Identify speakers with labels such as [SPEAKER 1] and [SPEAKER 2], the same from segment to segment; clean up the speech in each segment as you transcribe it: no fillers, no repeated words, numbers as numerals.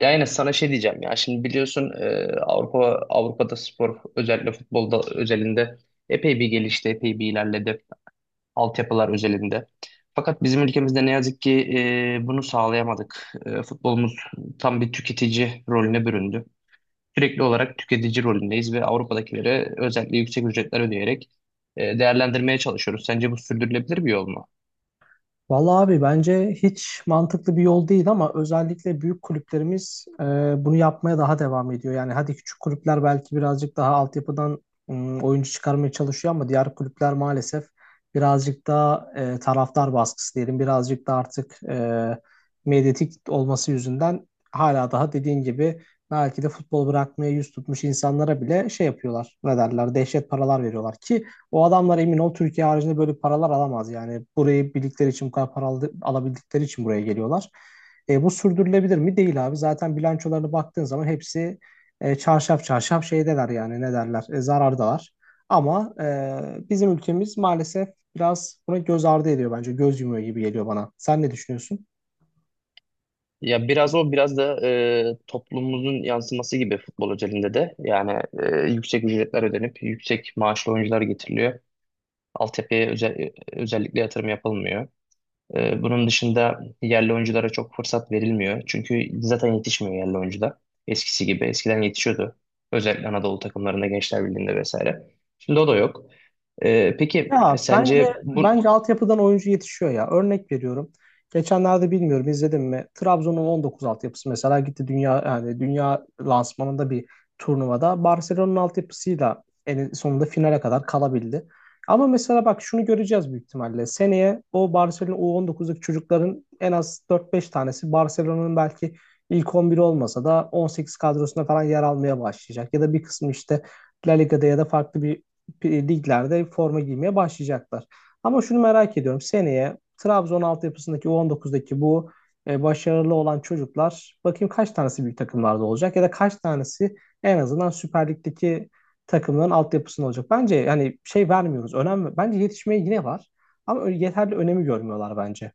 [SPEAKER 1] Ya yine sana şey diyeceğim ya, şimdi biliyorsun Avrupa Avrupa'da spor, özellikle futbolda özelinde epey bir gelişti, epey bir ilerledi, altyapılar özelinde. Fakat bizim ülkemizde ne yazık ki bunu sağlayamadık. Futbolumuz tam bir tüketici rolüne büründü. Sürekli olarak tüketici rolündeyiz ve Avrupa'dakilere özellikle yüksek ücretler ödeyerek değerlendirmeye çalışıyoruz. Sence bu sürdürülebilir bir yol mu?
[SPEAKER 2] Vallahi abi bence hiç mantıklı bir yol değil ama özellikle büyük kulüplerimiz bunu yapmaya daha devam ediyor. Yani hadi küçük kulüpler belki birazcık daha altyapıdan oyuncu çıkarmaya çalışıyor ama diğer kulüpler maalesef birazcık daha taraftar baskısı diyelim birazcık da artık medyatik olması yüzünden hala daha dediğin gibi belki de futbol bırakmaya yüz tutmuş insanlara bile şey yapıyorlar ne derler dehşet paralar veriyorlar ki o adamlar emin ol Türkiye haricinde böyle paralar alamaz. Yani burayı bildikleri için bu kadar para alabildikleri için buraya geliyorlar. Bu sürdürülebilir mi? Değil abi. Zaten bilançolarına baktığın zaman hepsi çarşaf çarşaf şeydeler yani ne derler zarardalar. Ama bizim ülkemiz maalesef biraz buna göz ardı ediyor bence. Göz yumuyor gibi geliyor bana. Sen ne düşünüyorsun?
[SPEAKER 1] Ya biraz o, biraz da toplumumuzun yansıması gibi futbol özelinde de, yani yüksek ücretler ödenip yüksek maaşlı oyuncular getiriliyor. Altyapıya özel, özellikle yatırım yapılmıyor. Bunun dışında yerli oyunculara çok fırsat verilmiyor. Çünkü zaten yetişmiyor yerli oyuncular eskisi gibi. Eskiden yetişiyordu. Özellikle Anadolu takımlarında, Gençler Birliği'nde vesaire. Şimdi o da yok.
[SPEAKER 2] Ya bence
[SPEAKER 1] Sence bu,
[SPEAKER 2] bence altyapıdan oyuncu yetişiyor ya. Örnek veriyorum. Geçenlerde bilmiyorum izledim mi? Trabzon'un 19 altyapısı mesela gitti dünya yani dünya lansmanında bir turnuvada Barcelona'nın altyapısıyla en sonunda finale kadar kalabildi. Ama mesela bak şunu göreceğiz büyük ihtimalle. Seneye o Barcelona U19'daki çocukların en az dört beş tanesi Barcelona'nın belki ilk on biri olmasa da 18 kadrosuna falan yer almaya başlayacak. Ya da bir kısmı işte La Liga'da ya da farklı bir liglerde forma giymeye başlayacaklar. Ama şunu merak ediyorum. Seneye Trabzon altyapısındaki U19'daki bu başarılı olan çocuklar bakayım kaç tanesi büyük takımlarda olacak ya da kaç tanesi en azından Süper Lig'deki takımların altyapısında olacak. Bence hani şey vermiyoruz. Önem bence yetişmeye yine var. Ama yeterli önemi görmüyorlar bence.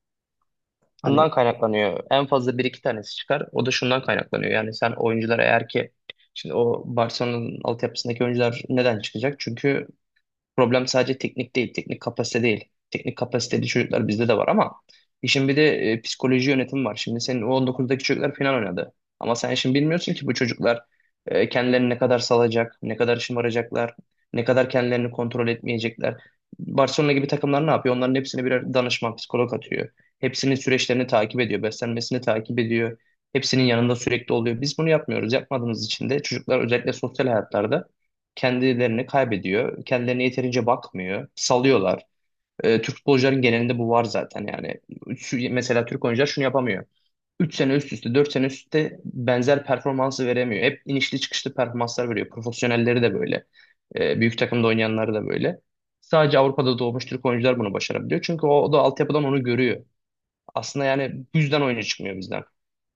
[SPEAKER 2] Hani.
[SPEAKER 1] şundan kaynaklanıyor. En fazla bir iki tanesi çıkar. O da şundan kaynaklanıyor. Yani sen, oyuncular eğer ki, şimdi o Barcelona'nın altyapısındaki oyuncular neden çıkacak? Çünkü problem sadece teknik değil, teknik kapasite değil. Teknik kapasiteli çocuklar bizde de var ama işin bir de psikoloji yönetimi var. Şimdi senin U19'daki çocuklar final oynadı. Ama sen şimdi bilmiyorsun ki bu çocuklar kendilerini ne kadar salacak, ne kadar şımaracaklar, ne kadar kendilerini kontrol etmeyecekler. Barcelona gibi takımlar ne yapıyor? Onların hepsine birer danışman, psikolog atıyor. Hepsinin süreçlerini takip ediyor, beslenmesini takip ediyor. Hepsinin yanında sürekli oluyor. Biz bunu yapmıyoruz. Yapmadığımız için de çocuklar özellikle sosyal hayatlarda kendilerini kaybediyor. Kendilerine yeterince bakmıyor. Salıyorlar. Türk futbolcuların genelinde bu var zaten, yani. Şu, mesela Türk oyuncular şunu yapamıyor. 3 sene üst üste, 4 sene üst üste benzer performansı veremiyor. Hep inişli çıkışlı performanslar veriyor. Profesyonelleri de böyle. Büyük takımda oynayanları da böyle. Sadece Avrupa'da doğmuş Türk oyuncular bunu başarabiliyor. Çünkü o da altyapıdan onu görüyor. Aslında yani bu yüzden oyuna çıkmıyor bizden.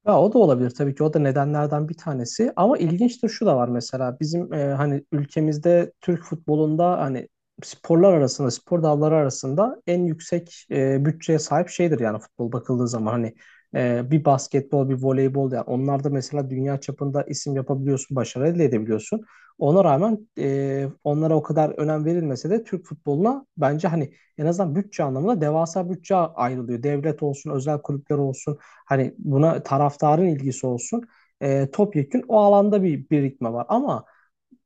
[SPEAKER 2] Ya o da olabilir tabii ki o da nedenlerden bir tanesi ama ilginçtir şu da var mesela bizim hani ülkemizde Türk futbolunda hani sporlar arasında spor dalları arasında en yüksek bütçeye sahip şeydir yani futbol bakıldığı zaman hani bir basketbol bir voleybol yani onlar da mesela dünya çapında isim yapabiliyorsun başarı elde edebiliyorsun ona rağmen onlara o kadar önem verilmese de Türk futboluna bence hani en azından bütçe anlamında devasa bütçe ayrılıyor. Devlet olsun, özel kulüpler olsun, hani buna taraftarın ilgisi olsun. Topyekün o alanda bir birikme var ama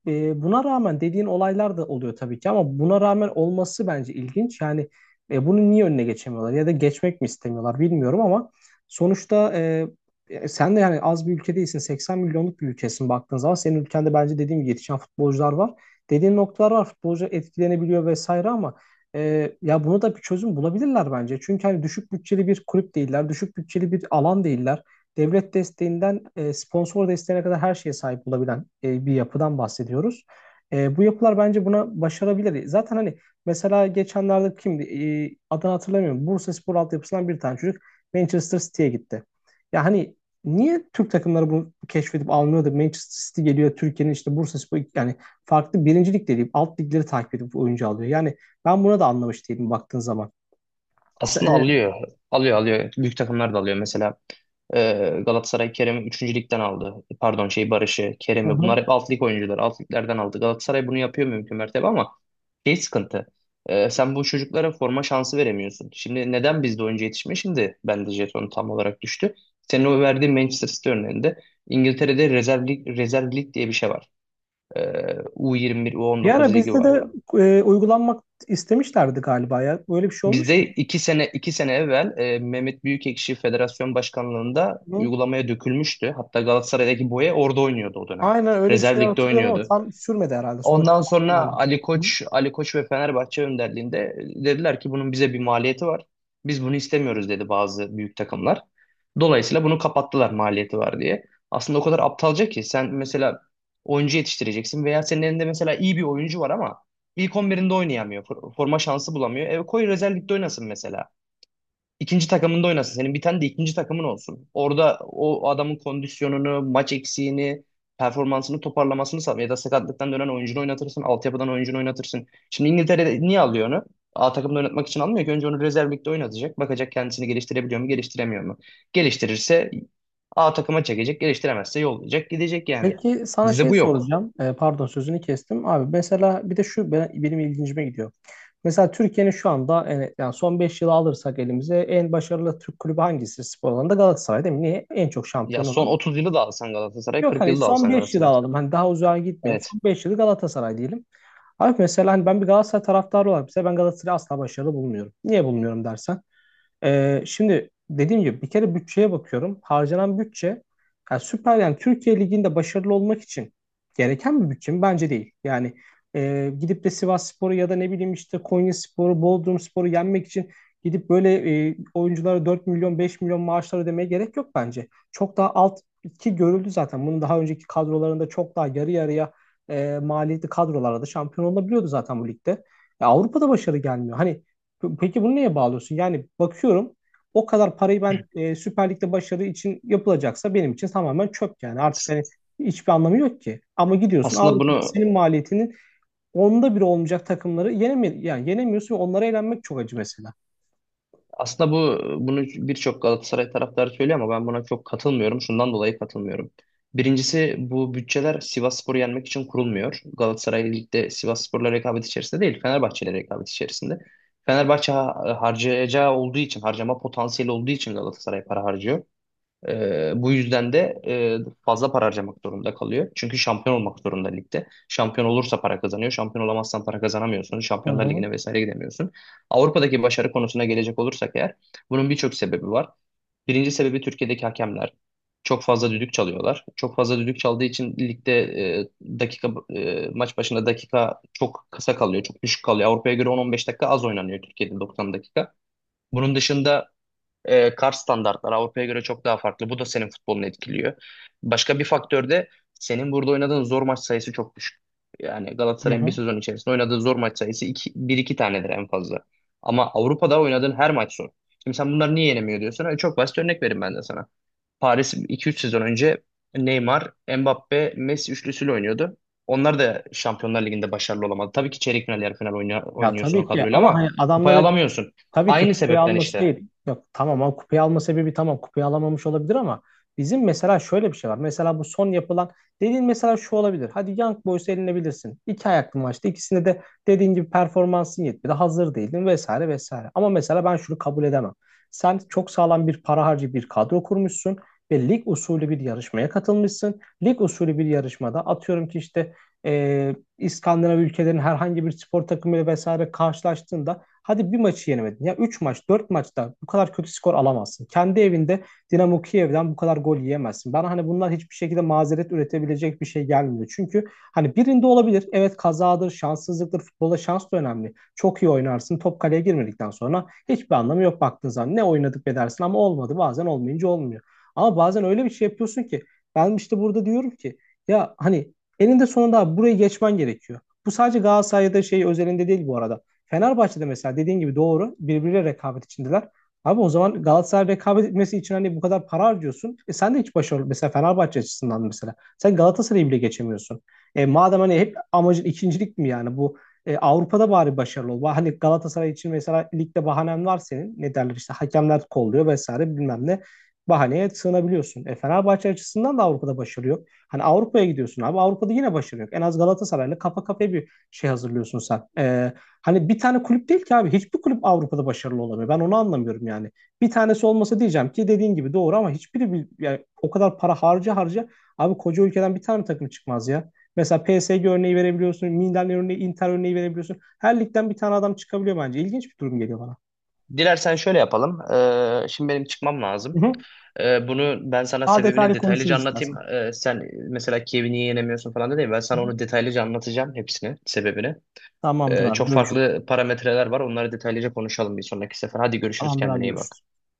[SPEAKER 2] buna rağmen dediğin olaylar da oluyor tabii ki ama buna rağmen olması bence ilginç. Yani bunu niye önüne geçemiyorlar ya da geçmek mi istemiyorlar bilmiyorum ama sonuçta sen de yani az bir ülke değilsin. 80 milyonluk bir ülkesin baktığın zaman. Senin ülkende bence dediğim gibi yetişen futbolcular var. Dediğin noktalar var. Futbolcu etkilenebiliyor vesaire ama ya buna da bir çözüm bulabilirler bence. Çünkü hani düşük bütçeli bir kulüp değiller. Düşük bütçeli bir alan değiller devlet desteğinden sponsor desteğine kadar her şeye sahip olabilen bir yapıdan bahsediyoruz. Bu yapılar bence buna başarabilir. Zaten hani mesela geçenlerde kimdi? Adını hatırlamıyorum. Bursaspor altyapısından bir tane çocuk Manchester City'ye gitti. Ya hani niye Türk takımları bunu keşfedip almıyor da Manchester City geliyor Türkiye'nin işte Bursaspor yani farklı birincilik değil alt ligleri takip edip oyuncu alıyor. Yani ben buna da anlamış değilim baktığın zaman.
[SPEAKER 1] Aslında
[SPEAKER 2] Evet.
[SPEAKER 1] alıyor. Alıyor. Büyük takımlar da alıyor. Mesela Galatasaray Kerem'i üçüncü ligden aldı. E, pardon, şey, Barış'ı,
[SPEAKER 2] Hı
[SPEAKER 1] Kerem'i. Bunlar
[SPEAKER 2] hı.
[SPEAKER 1] hep alt lig oyuncuları. Alt liglerden aldı. Galatasaray bunu yapıyor mümkün mertebe ama şey sıkıntı. Sen bu çocuklara forma şansı veremiyorsun. Şimdi neden bizde oyuncu yetişmiyor? Şimdi bende jeton tam olarak düştü. Senin o verdiğin Manchester City örneğinde İngiltere'de rezerv lig diye bir şey var. E, U21,
[SPEAKER 2] Bir ara
[SPEAKER 1] U19 ligi
[SPEAKER 2] bizde de
[SPEAKER 1] var.
[SPEAKER 2] uygulanmak istemişlerdi galiba ya. Öyle bir şey olmuş
[SPEAKER 1] Bizde
[SPEAKER 2] mu?
[SPEAKER 1] iki sene evvel Mehmet Büyükekşi Federasyon Başkanlığında uygulamaya dökülmüştü. Hatta Galatasaray'daki Boye orada oynuyordu o dönem.
[SPEAKER 2] Aynen öyle bir
[SPEAKER 1] Rezerv
[SPEAKER 2] şeyler
[SPEAKER 1] ligde
[SPEAKER 2] hatırlıyorum ama
[SPEAKER 1] oynuyordu.
[SPEAKER 2] tam sürmedi herhalde. Sonra
[SPEAKER 1] Ondan sonra
[SPEAKER 2] kapandı. Hı?
[SPEAKER 1] Ali Koç ve Fenerbahçe önderliğinde dediler ki bunun bize bir maliyeti var. Biz bunu istemiyoruz, dedi bazı büyük takımlar. Dolayısıyla bunu kapattılar, maliyeti var diye. Aslında o kadar aptalca ki sen mesela oyuncu yetiştireceksin veya senin elinde mesela iyi bir oyuncu var ama ilk 11'inde oynayamıyor. Forma şansı bulamıyor. E koy rezervlikte oynasın mesela. İkinci takımında oynasın. Senin bir tane de ikinci takımın olsun. Orada o adamın kondisyonunu, maç eksiğini, performansını toparlamasını sağla. Ya da sakatlıktan dönen oyuncunu oynatırsın. Altyapıdan oyuncunu oynatırsın. Şimdi İngiltere niye alıyor onu? A takımda oynatmak için almıyor ki. Önce onu rezerv ligde oynatacak. Bakacak, kendisini geliştirebiliyor mu, geliştiremiyor mu? Geliştirirse A takıma çekecek. Geliştiremezse yollayacak, gidecek yani.
[SPEAKER 2] Peki sana
[SPEAKER 1] Bizde
[SPEAKER 2] şey
[SPEAKER 1] bu yok.
[SPEAKER 2] soracağım. Pardon sözünü kestim. Abi mesela bir de şu benim ilgincime gidiyor. Mesela Türkiye'nin şu anda yani son 5 yılı alırsak elimize en başarılı Türk kulübü hangisi spor alanında? Galatasaray değil mi? Niye? En çok
[SPEAKER 1] Ya
[SPEAKER 2] şampiyon
[SPEAKER 1] son
[SPEAKER 2] olan.
[SPEAKER 1] 30 yılı da alsan Galatasaray,
[SPEAKER 2] Yok
[SPEAKER 1] 40
[SPEAKER 2] hani
[SPEAKER 1] yılı da
[SPEAKER 2] son
[SPEAKER 1] alsan
[SPEAKER 2] 5 yılı
[SPEAKER 1] Galatasaray.
[SPEAKER 2] alalım. Hani daha uzağa gitmeyelim.
[SPEAKER 1] Evet.
[SPEAKER 2] Son 5 yılı Galatasaray diyelim. Abi mesela hani ben bir Galatasaray taraftarı olarak mesela ben Galatasaray'ı asla başarılı bulmuyorum. Niye bulmuyorum dersen. Şimdi dediğim gibi bir kere bütçeye bakıyorum. Harcanan bütçe yani süper yani Türkiye Ligi'nde başarılı olmak için gereken bir bütçe mi? Bence değil. Yani gidip de Sivasspor'u ya da ne bileyim işte Konyaspor'u, Bodrumspor'u yenmek için gidip böyle oyunculara 4 milyon 5 milyon maaşlar ödemeye gerek yok bence. Çok daha alt ki görüldü zaten. Bunun daha önceki kadrolarında çok daha yarı yarıya maliyetli kadrolarda şampiyon olabiliyordu zaten bu ligde. Ya Avrupa'da başarı gelmiyor. Hani. Peki bunu neye bağlıyorsun? Yani bakıyorum o kadar parayı ben Süper Lig'de başarı için yapılacaksa benim için tamamen çöp yani. Artık
[SPEAKER 1] As-
[SPEAKER 2] hani hiçbir anlamı yok ki. Ama gidiyorsun
[SPEAKER 1] Aslında
[SPEAKER 2] Avrupa'da
[SPEAKER 1] bunu
[SPEAKER 2] senin maliyetinin onda biri olmayacak takımları yenemiyorsun ve onlara eğlenmek çok acı mesela.
[SPEAKER 1] Aslında bu bunu birçok Galatasaray taraftarı söylüyor ama ben buna çok katılmıyorum. Şundan dolayı katılmıyorum. Birincisi, bu bütçeler Sivasspor'u yenmek için kurulmuyor. Galatasaray ligde Sivasspor'la rekabet içerisinde değil, Fenerbahçe'yle rekabet içerisinde. Fenerbahçe harcayacağı olduğu için, harcama potansiyeli olduğu için Galatasaray para harcıyor. Bu yüzden de fazla para harcamak zorunda kalıyor. Çünkü şampiyon olmak zorunda ligde. Şampiyon olursa para kazanıyor. Şampiyon olamazsan para kazanamıyorsun.
[SPEAKER 2] Hı
[SPEAKER 1] Şampiyonlar
[SPEAKER 2] hı.
[SPEAKER 1] Ligi'ne vesaire gidemiyorsun. Avrupa'daki başarı konusuna gelecek olursak eğer, bunun birçok sebebi var. Birinci sebebi Türkiye'deki hakemler. Çok fazla düdük çalıyorlar. Çok fazla düdük çaldığı için ligde e, dakika maç başına dakika çok kısa kalıyor, çok düşük kalıyor. Avrupa'ya göre 10-15 dakika az oynanıyor Türkiye'de, 90 dakika. Bunun dışında kar standartlar Avrupa'ya göre çok daha farklı. Bu da senin futbolunu etkiliyor. Başka bir faktör de senin burada oynadığın zor maç sayısı çok düşük. Yani
[SPEAKER 2] Hı
[SPEAKER 1] Galatasaray'ın bir
[SPEAKER 2] hı.
[SPEAKER 1] sezon içerisinde oynadığı zor maç sayısı bir iki tanedir en fazla. Ama Avrupa'da oynadığın her maç zor. Şimdi sen bunları niye yenemiyor diyorsun? E, çok basit örnek vereyim ben de sana. Paris iki üç sezon önce Neymar, Mbappe, Messi üçlüsüyle oynuyordu. Onlar da Şampiyonlar Ligi'nde başarılı olamadı. Tabii ki çeyrek final, yarı final
[SPEAKER 2] Ya
[SPEAKER 1] oynuyorsun o
[SPEAKER 2] tabii ki
[SPEAKER 1] kadroyla
[SPEAKER 2] ama
[SPEAKER 1] ama
[SPEAKER 2] hani adamlar
[SPEAKER 1] kupayı
[SPEAKER 2] hep
[SPEAKER 1] alamıyorsun.
[SPEAKER 2] tabii ki
[SPEAKER 1] Aynı
[SPEAKER 2] kupayı
[SPEAKER 1] sebepten
[SPEAKER 2] alması
[SPEAKER 1] işte.
[SPEAKER 2] değil. Yok tamam ama kupayı alma sebebi tamam kupayı alamamış olabilir ama bizim mesela şöyle bir şey var. Mesela bu son yapılan dediğin mesela şu olabilir. Hadi Young Boys'u elinebilirsin. İki ayaklı maçta ikisinde de dediğin gibi performansın yetmedi. Hazır değildin vesaire vesaire. Ama mesela ben şunu kabul edemem. Sen çok sağlam bir para harcı bir kadro kurmuşsun ve lig usulü bir yarışmaya katılmışsın. Lig usulü bir yarışmada atıyorum ki işte İskandinav ülkelerin herhangi bir spor takımıyla vesaire karşılaştığında hadi bir maçı yenemedin. Ya 3 maç, 4 maçta bu kadar kötü skor alamazsın. Kendi evinde Dinamo Kiev'den bu kadar gol yiyemezsin. Bana hani bunlar hiçbir şekilde mazeret üretebilecek bir şey gelmiyor. Çünkü hani birinde olabilir. Evet, kazadır, şanssızlıktır. Futbolda şans da önemli. Çok iyi oynarsın. Top kaleye girmedikten sonra hiçbir anlamı yok baktığın zaman. Ne oynadık be dersin ama olmadı. Bazen olmayınca olmuyor. Ama bazen öyle bir şey yapıyorsun ki ben işte burada diyorum ki ya hani eninde sonunda abi burayı geçmen gerekiyor. Bu sadece Galatasaray'da şey özelinde değil bu arada. Fenerbahçe'de mesela dediğin gibi doğru birbiriyle rekabet içindeler. Abi o zaman Galatasaray rekabet etmesi için hani bu kadar para harcıyorsun. E sen de hiç başarılı mesela Fenerbahçe açısından mesela. Sen Galatasaray'ı bile geçemiyorsun. E madem hani hep amacın ikincilik mi yani bu Avrupa'da bari başarılı ol. Hani Galatasaray için mesela ligde bahanen var senin. Ne derler işte hakemler kolluyor vesaire bilmem ne. Bahaneye sığınabiliyorsun. E Fenerbahçe açısından da Avrupa'da başarı yok. Hani Avrupa'ya gidiyorsun abi. Avrupa'da yine başarı yok. En az Galatasaray'la kafa kafaya bir şey hazırlıyorsun sen. Hani bir tane kulüp değil ki abi. Hiçbir kulüp Avrupa'da başarılı olamıyor. Ben onu anlamıyorum yani. Bir tanesi olmasa diyeceğim ki dediğin gibi doğru ama hiçbiri bir, yani o kadar para harca harca abi koca ülkeden bir tane takım çıkmaz ya. Mesela PSG örneği verebiliyorsun, Milan örneği, Inter örneği verebiliyorsun. Her ligden bir tane adam çıkabiliyor bence. İlginç bir durum geliyor bana.
[SPEAKER 1] Dilersen şöyle yapalım. Şimdi benim çıkmam
[SPEAKER 2] Hı
[SPEAKER 1] lazım.
[SPEAKER 2] hı.
[SPEAKER 1] Bunu ben sana
[SPEAKER 2] Daha
[SPEAKER 1] sebebini
[SPEAKER 2] detaylı
[SPEAKER 1] detaylıca
[SPEAKER 2] konuşuruz
[SPEAKER 1] anlatayım.
[SPEAKER 2] istersen.
[SPEAKER 1] Sen mesela Kiev'i niye yenemiyorsun falan dedin. Ben
[SPEAKER 2] Hı
[SPEAKER 1] sana
[SPEAKER 2] hı.
[SPEAKER 1] onu detaylıca anlatacağım, hepsini, sebebini.
[SPEAKER 2] Tamamdır abi
[SPEAKER 1] Çok
[SPEAKER 2] görüşürüz.
[SPEAKER 1] farklı parametreler var. Onları detaylıca konuşalım bir sonraki sefer. Hadi görüşürüz.
[SPEAKER 2] Tamamdır abi
[SPEAKER 1] Kendine iyi bak.
[SPEAKER 2] görüşürüz.